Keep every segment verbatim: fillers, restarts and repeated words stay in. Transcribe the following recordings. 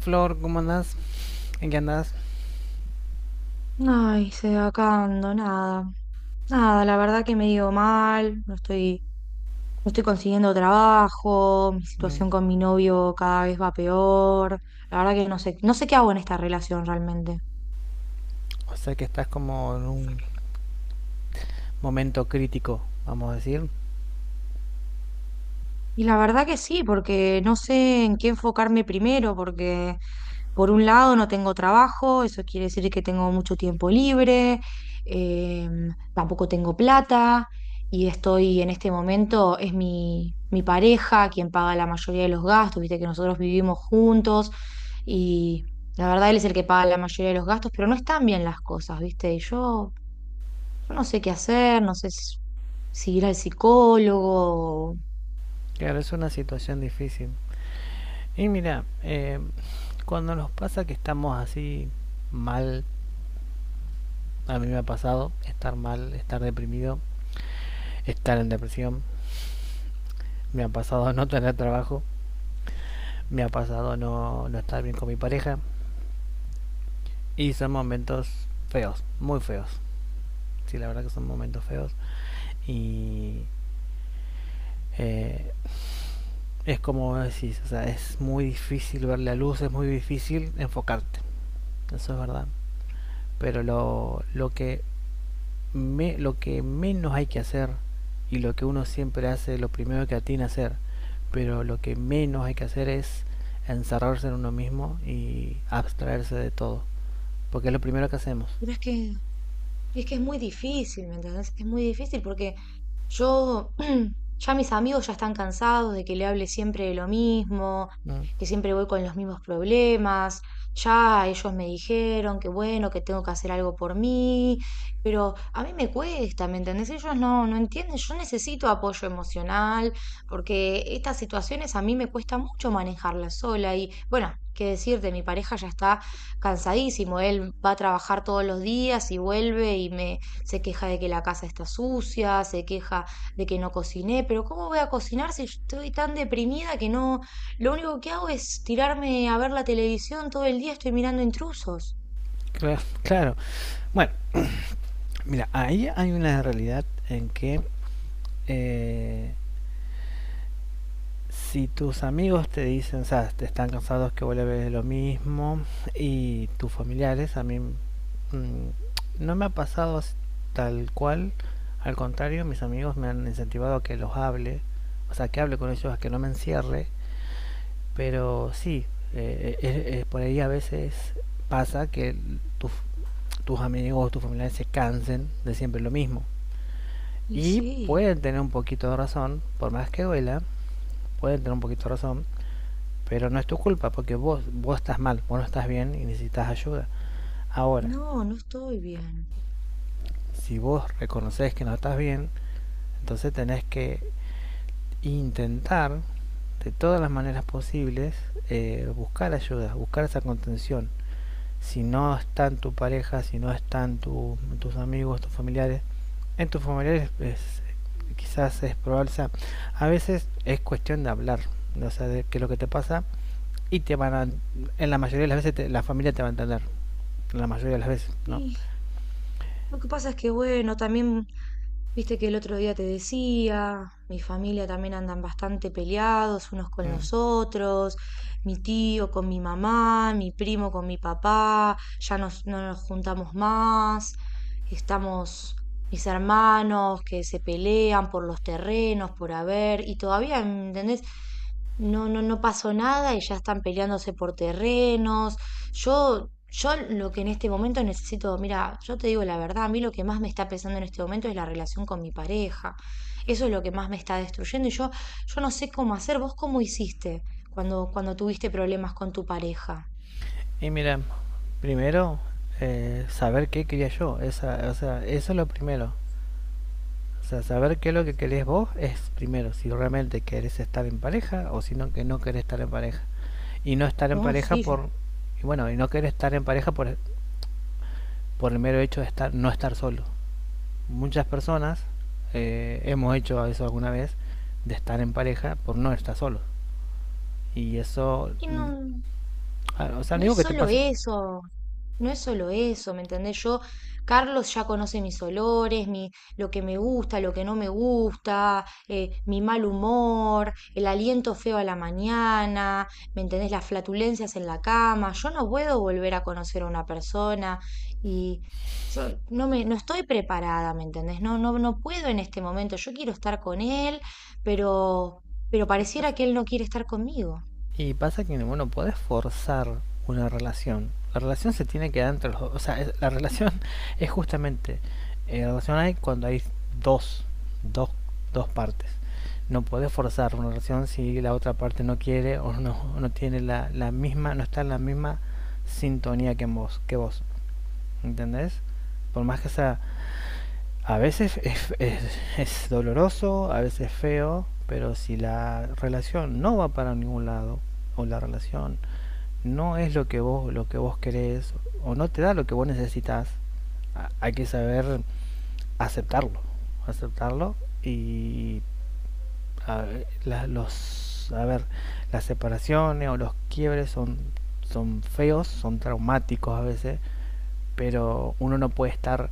Flor, ¿cómo andás? ¿En qué andás? Ay, se va acabando, nada. Nada, la verdad que me dio mal, no estoy, no estoy consiguiendo trabajo, mi Mm. situación con mi novio cada vez va peor. La verdad que no sé, no sé qué hago en esta relación realmente. O sea que estás como en un momento crítico, vamos a decir. Y la verdad que sí, porque no sé en qué enfocarme primero, porque por un lado no tengo trabajo, eso quiere decir que tengo mucho tiempo libre, em, tampoco tengo plata y estoy en este momento, es mi, mi pareja quien paga la mayoría de los gastos, viste que nosotros vivimos juntos y la verdad él es el que paga la mayoría de los gastos, pero no están bien las cosas, viste, y yo, yo no sé qué hacer, no sé si, si ir al psicólogo, Claro, es una situación difícil. Y mira, eh, cuando nos pasa que estamos así mal, a mí me ha pasado estar mal, estar deprimido, estar en depresión, me ha pasado no tener trabajo, me ha pasado no, no estar bien con mi pareja. Y son momentos feos, muy feos. Sí, la verdad que son momentos feos. Y eh, es como decís, o sea, es muy difícil ver la luz, es muy difícil enfocarte, eso es verdad. Pero lo, lo, que, me, lo que menos hay que hacer y lo que uno siempre hace, lo primero que atina a hacer, pero lo que menos hay que hacer es encerrarse en uno mismo y abstraerse de todo, porque es lo primero que hacemos. pero es que y Es que es muy difícil, ¿me entendés? Es muy difícil porque yo, ya mis amigos ya están cansados de que le hable siempre de lo mismo, ¿No? que siempre voy con los mismos problemas. Ya ellos me dijeron que bueno, que tengo que hacer algo por mí, pero a mí me cuesta, ¿me entendés? Ellos no, no entienden, yo necesito apoyo emocional, porque estas situaciones a mí me cuesta mucho manejarlas sola y bueno, qué decirte, mi pareja ya está cansadísimo. Él va a trabajar todos los días y vuelve y me se queja de que la casa está sucia, se queja de que no cociné, pero ¿cómo voy a cocinar si estoy tan deprimida que no, lo único que hago es tirarme a ver la televisión todo el día, estoy mirando intrusos? Claro, claro. Bueno, mira, ahí hay una realidad en que eh, si tus amigos te dicen, o sea, te están cansados que vuelves lo mismo, y tus familiares, a mí mm, no me ha pasado tal cual, al contrario, mis amigos me han incentivado a que los hable, o sea, que hable con ellos, a que no me encierre, pero sí, eh, eh, eh, eh, por ahí a veces pasa que tus, tus amigos o tus familiares se cansen de siempre lo mismo. Y Y sí, pueden tener un poquito de razón, por más que duela, pueden tener un poquito de razón, pero no es tu culpa porque vos, vos estás mal, vos no estás bien y necesitas ayuda. Ahora, no, no estoy bien. si vos reconoces que no estás bien, entonces tenés que intentar de todas las maneras posibles eh, buscar ayuda, buscar esa contención. Si no están tu pareja, si no están tu, tus amigos, tus familiares, en tus familiares es, quizás es probable, o sea, a veces es cuestión de hablar, o sea, de qué es lo que te pasa y te van a, en la mayoría de las veces te, la familia te va a entender. La mayoría de las veces, ¿no? Y lo que pasa es que, bueno, también viste que el otro día te decía, mi familia también andan bastante peleados unos con los otros, mi tío con mi mamá, mi primo con mi papá, ya nos- no nos juntamos más, estamos mis hermanos que se pelean por los terrenos, por haber, y todavía, ¿entendés? No, no, no pasó nada y ya están peleándose por terrenos. Yo, yo lo que en este momento necesito, mira, yo te digo la verdad, a mí lo que más me está pesando en este momento es la relación con mi pareja. Eso es lo que más me está destruyendo y yo, yo no sé cómo hacer. ¿Vos cómo hiciste cuando, cuando tuviste problemas con tu pareja? Y mira, primero, eh, saber qué quería yo, esa, o sea, eso es lo primero. O sea, saber qué es lo que querés vos es primero, si realmente querés estar en pareja o si no, que no querés estar en pareja. Y no estar en No, pareja sí, yo. por, y bueno, y no querer estar en pareja por, por el mero hecho de estar, no estar solo. Muchas personas eh, hemos hecho eso alguna vez, de estar en pareja por no estar solo. Y eso, Y mm, no. ah, o sea, no No es digo que te solo eso, no es solo eso, ¿me entendés? Yo, Carlos ya conoce mis olores, mi, lo que me gusta, lo que no me gusta, eh, mi mal humor, el aliento feo a la mañana, ¿me entendés? Las flatulencias en la cama. Yo no puedo volver a conocer a una persona y yo no me, no estoy preparada, ¿me entendés? No, no, no puedo en este momento. Yo quiero estar con él, pero, pero pareciera pase. que él no quiere estar conmigo. Y pasa que, bueno, podés forzar una relación. La relación se tiene que dar entre los dos. O sea, es- la relación es justamente. Eh, la relación hay cuando hay dos, dos, dos partes. No podés forzar una relación si la otra parte no quiere o no, no tiene la, la misma, no está en la misma sintonía que vos, que vos. ¿Entendés? Por más que sea. A veces es, es- es doloroso, a veces es feo, pero si la relación no va para ningún lado, o la relación no es lo que vos lo que vos querés o no te da lo que vos necesitas, hay que saber aceptarlo, aceptarlo y a ver, la- los a ver, las separaciones o los quiebres son son feos, son traumáticos a veces, pero uno no puede estar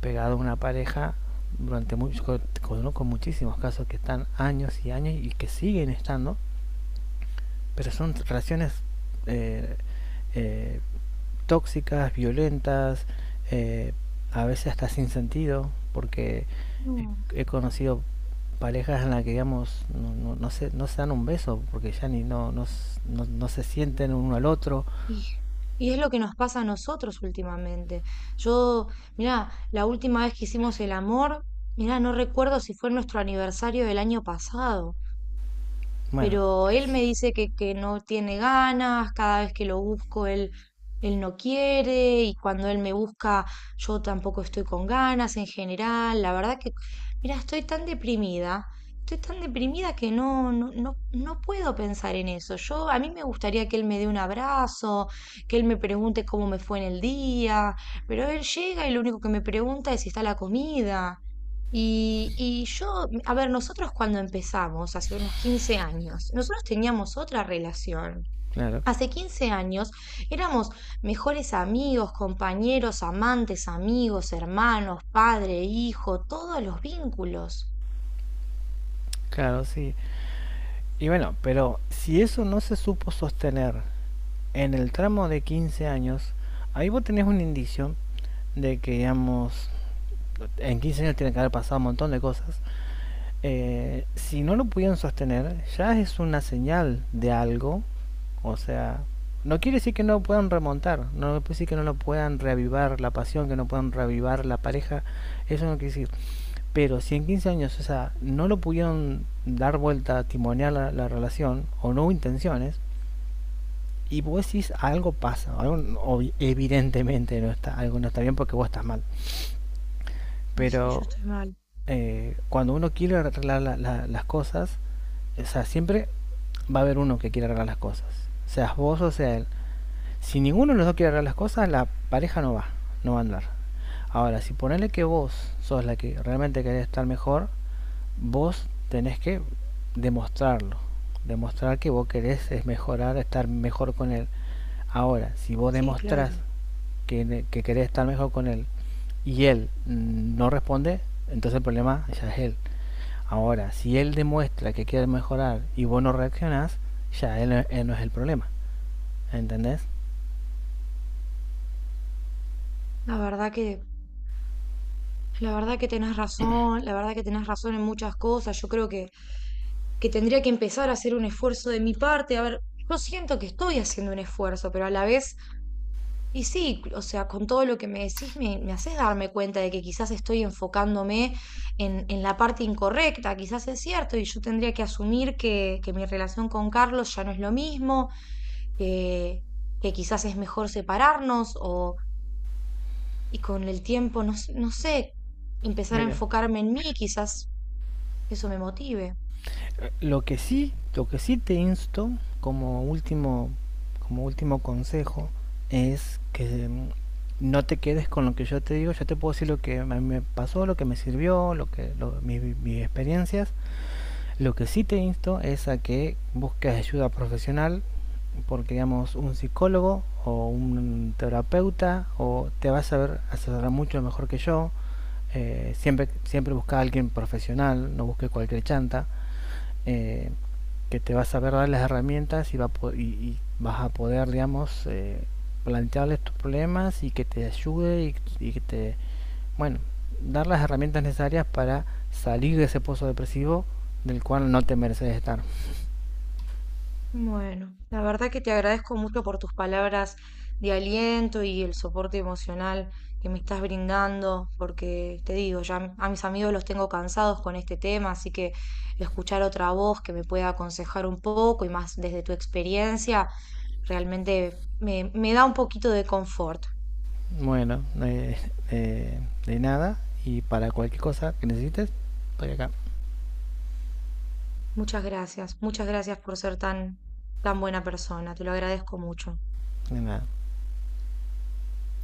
pegado a una pareja durante mucho, con- con muchísimos casos que están años y años y que siguen estando, pero son relaciones eh, eh, tóxicas, violentas, eh, a veces hasta sin sentido, porque No. he, he conocido parejas en las que, digamos, no, no, no se, no se dan un beso, porque ya ni no, no, no, no se sienten uno al otro. Y, y es lo que nos pasa a nosotros últimamente. Yo, mirá, la última vez que hicimos el amor, mirá, no recuerdo si fue nuestro aniversario del año pasado, Bueno, pero él me dice que, que no tiene ganas, cada vez que lo busco él, él no quiere y cuando él me busca yo tampoco estoy con ganas en general. La verdad que, mira, estoy tan deprimida, estoy tan deprimida que no, no, no, no puedo pensar en eso. Yo, a mí me gustaría que él me dé un abrazo, que él me pregunte cómo me fue en el día, pero él llega y lo único que me pregunta es si está la comida. Y, y yo, mm, a ver, nosotros cuando empezamos, hace unos quince años, nosotros teníamos otra relación. claro, Hace quince años éramos mejores amigos, compañeros, amantes, amigos, hermanos, padre, hijo, todos los vínculos. claro, sí. Y bueno, pero si eso no se supo sostener en el tramo de quince años, ahí vos tenés un indicio de que, digamos, en quince años tiene que haber pasado un montón de cosas eh, si no lo pudieron sostener, ya es una señal de algo. O sea, no quiere decir que no puedan remontar, no quiere decir que no lo puedan reavivar la pasión, que no puedan reavivar la pareja, eso no quiere decir. Pero si en quince años, o sea, no lo pudieron dar vuelta, timonear la, la relación, o no hubo intenciones, y vos decís algo pasa, algo, evidentemente no está, algo no está bien porque vos estás mal. Y sí, yo Pero estoy mal. eh, cuando uno quiere arreglar la- la- las cosas, o sea, siempre va a haber uno que quiere arreglar las cosas. Seas vos o sea él. Si ninguno de los dos quiere arreglar las cosas, la pareja no va, no va a andar. Ahora, si ponele que vos sos la que realmente querés estar mejor, vos tenés que demostrarlo. Demostrar que vos querés es mejorar, estar mejor con él. Ahora, si vos Sí, demostrás claro. que, que querés estar mejor con él y él mm, no responde, entonces el problema ya es él. Ahora, si él demuestra que quiere mejorar y vos no reaccionás, ya él, él no es el problema. ¿Entendés? La verdad que, la verdad que tenés razón, la verdad que tenés razón en muchas cosas. Yo creo que, que tendría que empezar a hacer un esfuerzo de mi parte. A ver, yo siento que estoy haciendo un esfuerzo, pero a la vez y sí, o sea, con todo lo que me decís, me, me haces darme cuenta de que quizás estoy enfocándome en, en la parte incorrecta, quizás es cierto, y yo tendría que asumir que, que mi relación con Carlos ya no es lo mismo, que, que quizás es mejor separarnos, o, y con el tiempo, no, s- no sé, empezar a Mira, enfocarme en mí, quizás eso me motive. lo que sí, lo que sí te insto como último, como último consejo es que mm, no te quedes con lo que yo te digo. Yo te puedo decir lo que me pasó, lo que me sirvió, lo que lo- mi- mis experiencias. Lo que sí te insto es a que busques ayuda profesional, porque digamos un psicólogo o un terapeuta o te va a saber asesorar mucho mejor que yo. Eh, siempre siempre busca a alguien profesional, no busques cualquier chanta, eh, que te va a saber dar las herramientas y, va a y, y vas a poder, digamos, eh, plantearles tus problemas y que te ayude y, y que te bueno, dar las herramientas necesarias para salir de ese pozo depresivo del cual no te mereces estar. Bueno, la verdad que te agradezco mucho por tus palabras de aliento y el soporte emocional que me estás brindando, porque te digo, ya m- a mis amigos los tengo cansados con este tema, así que escuchar otra voz que me pueda aconsejar un poco y más desde tu experiencia, realmente me, me da un poquito de confort. Bueno, eh, eh, de nada y para cualquier cosa que necesites, estoy acá. Muchas gracias, muchas gracias por ser tan, tan buena persona, te lo agradezco mucho. De nada.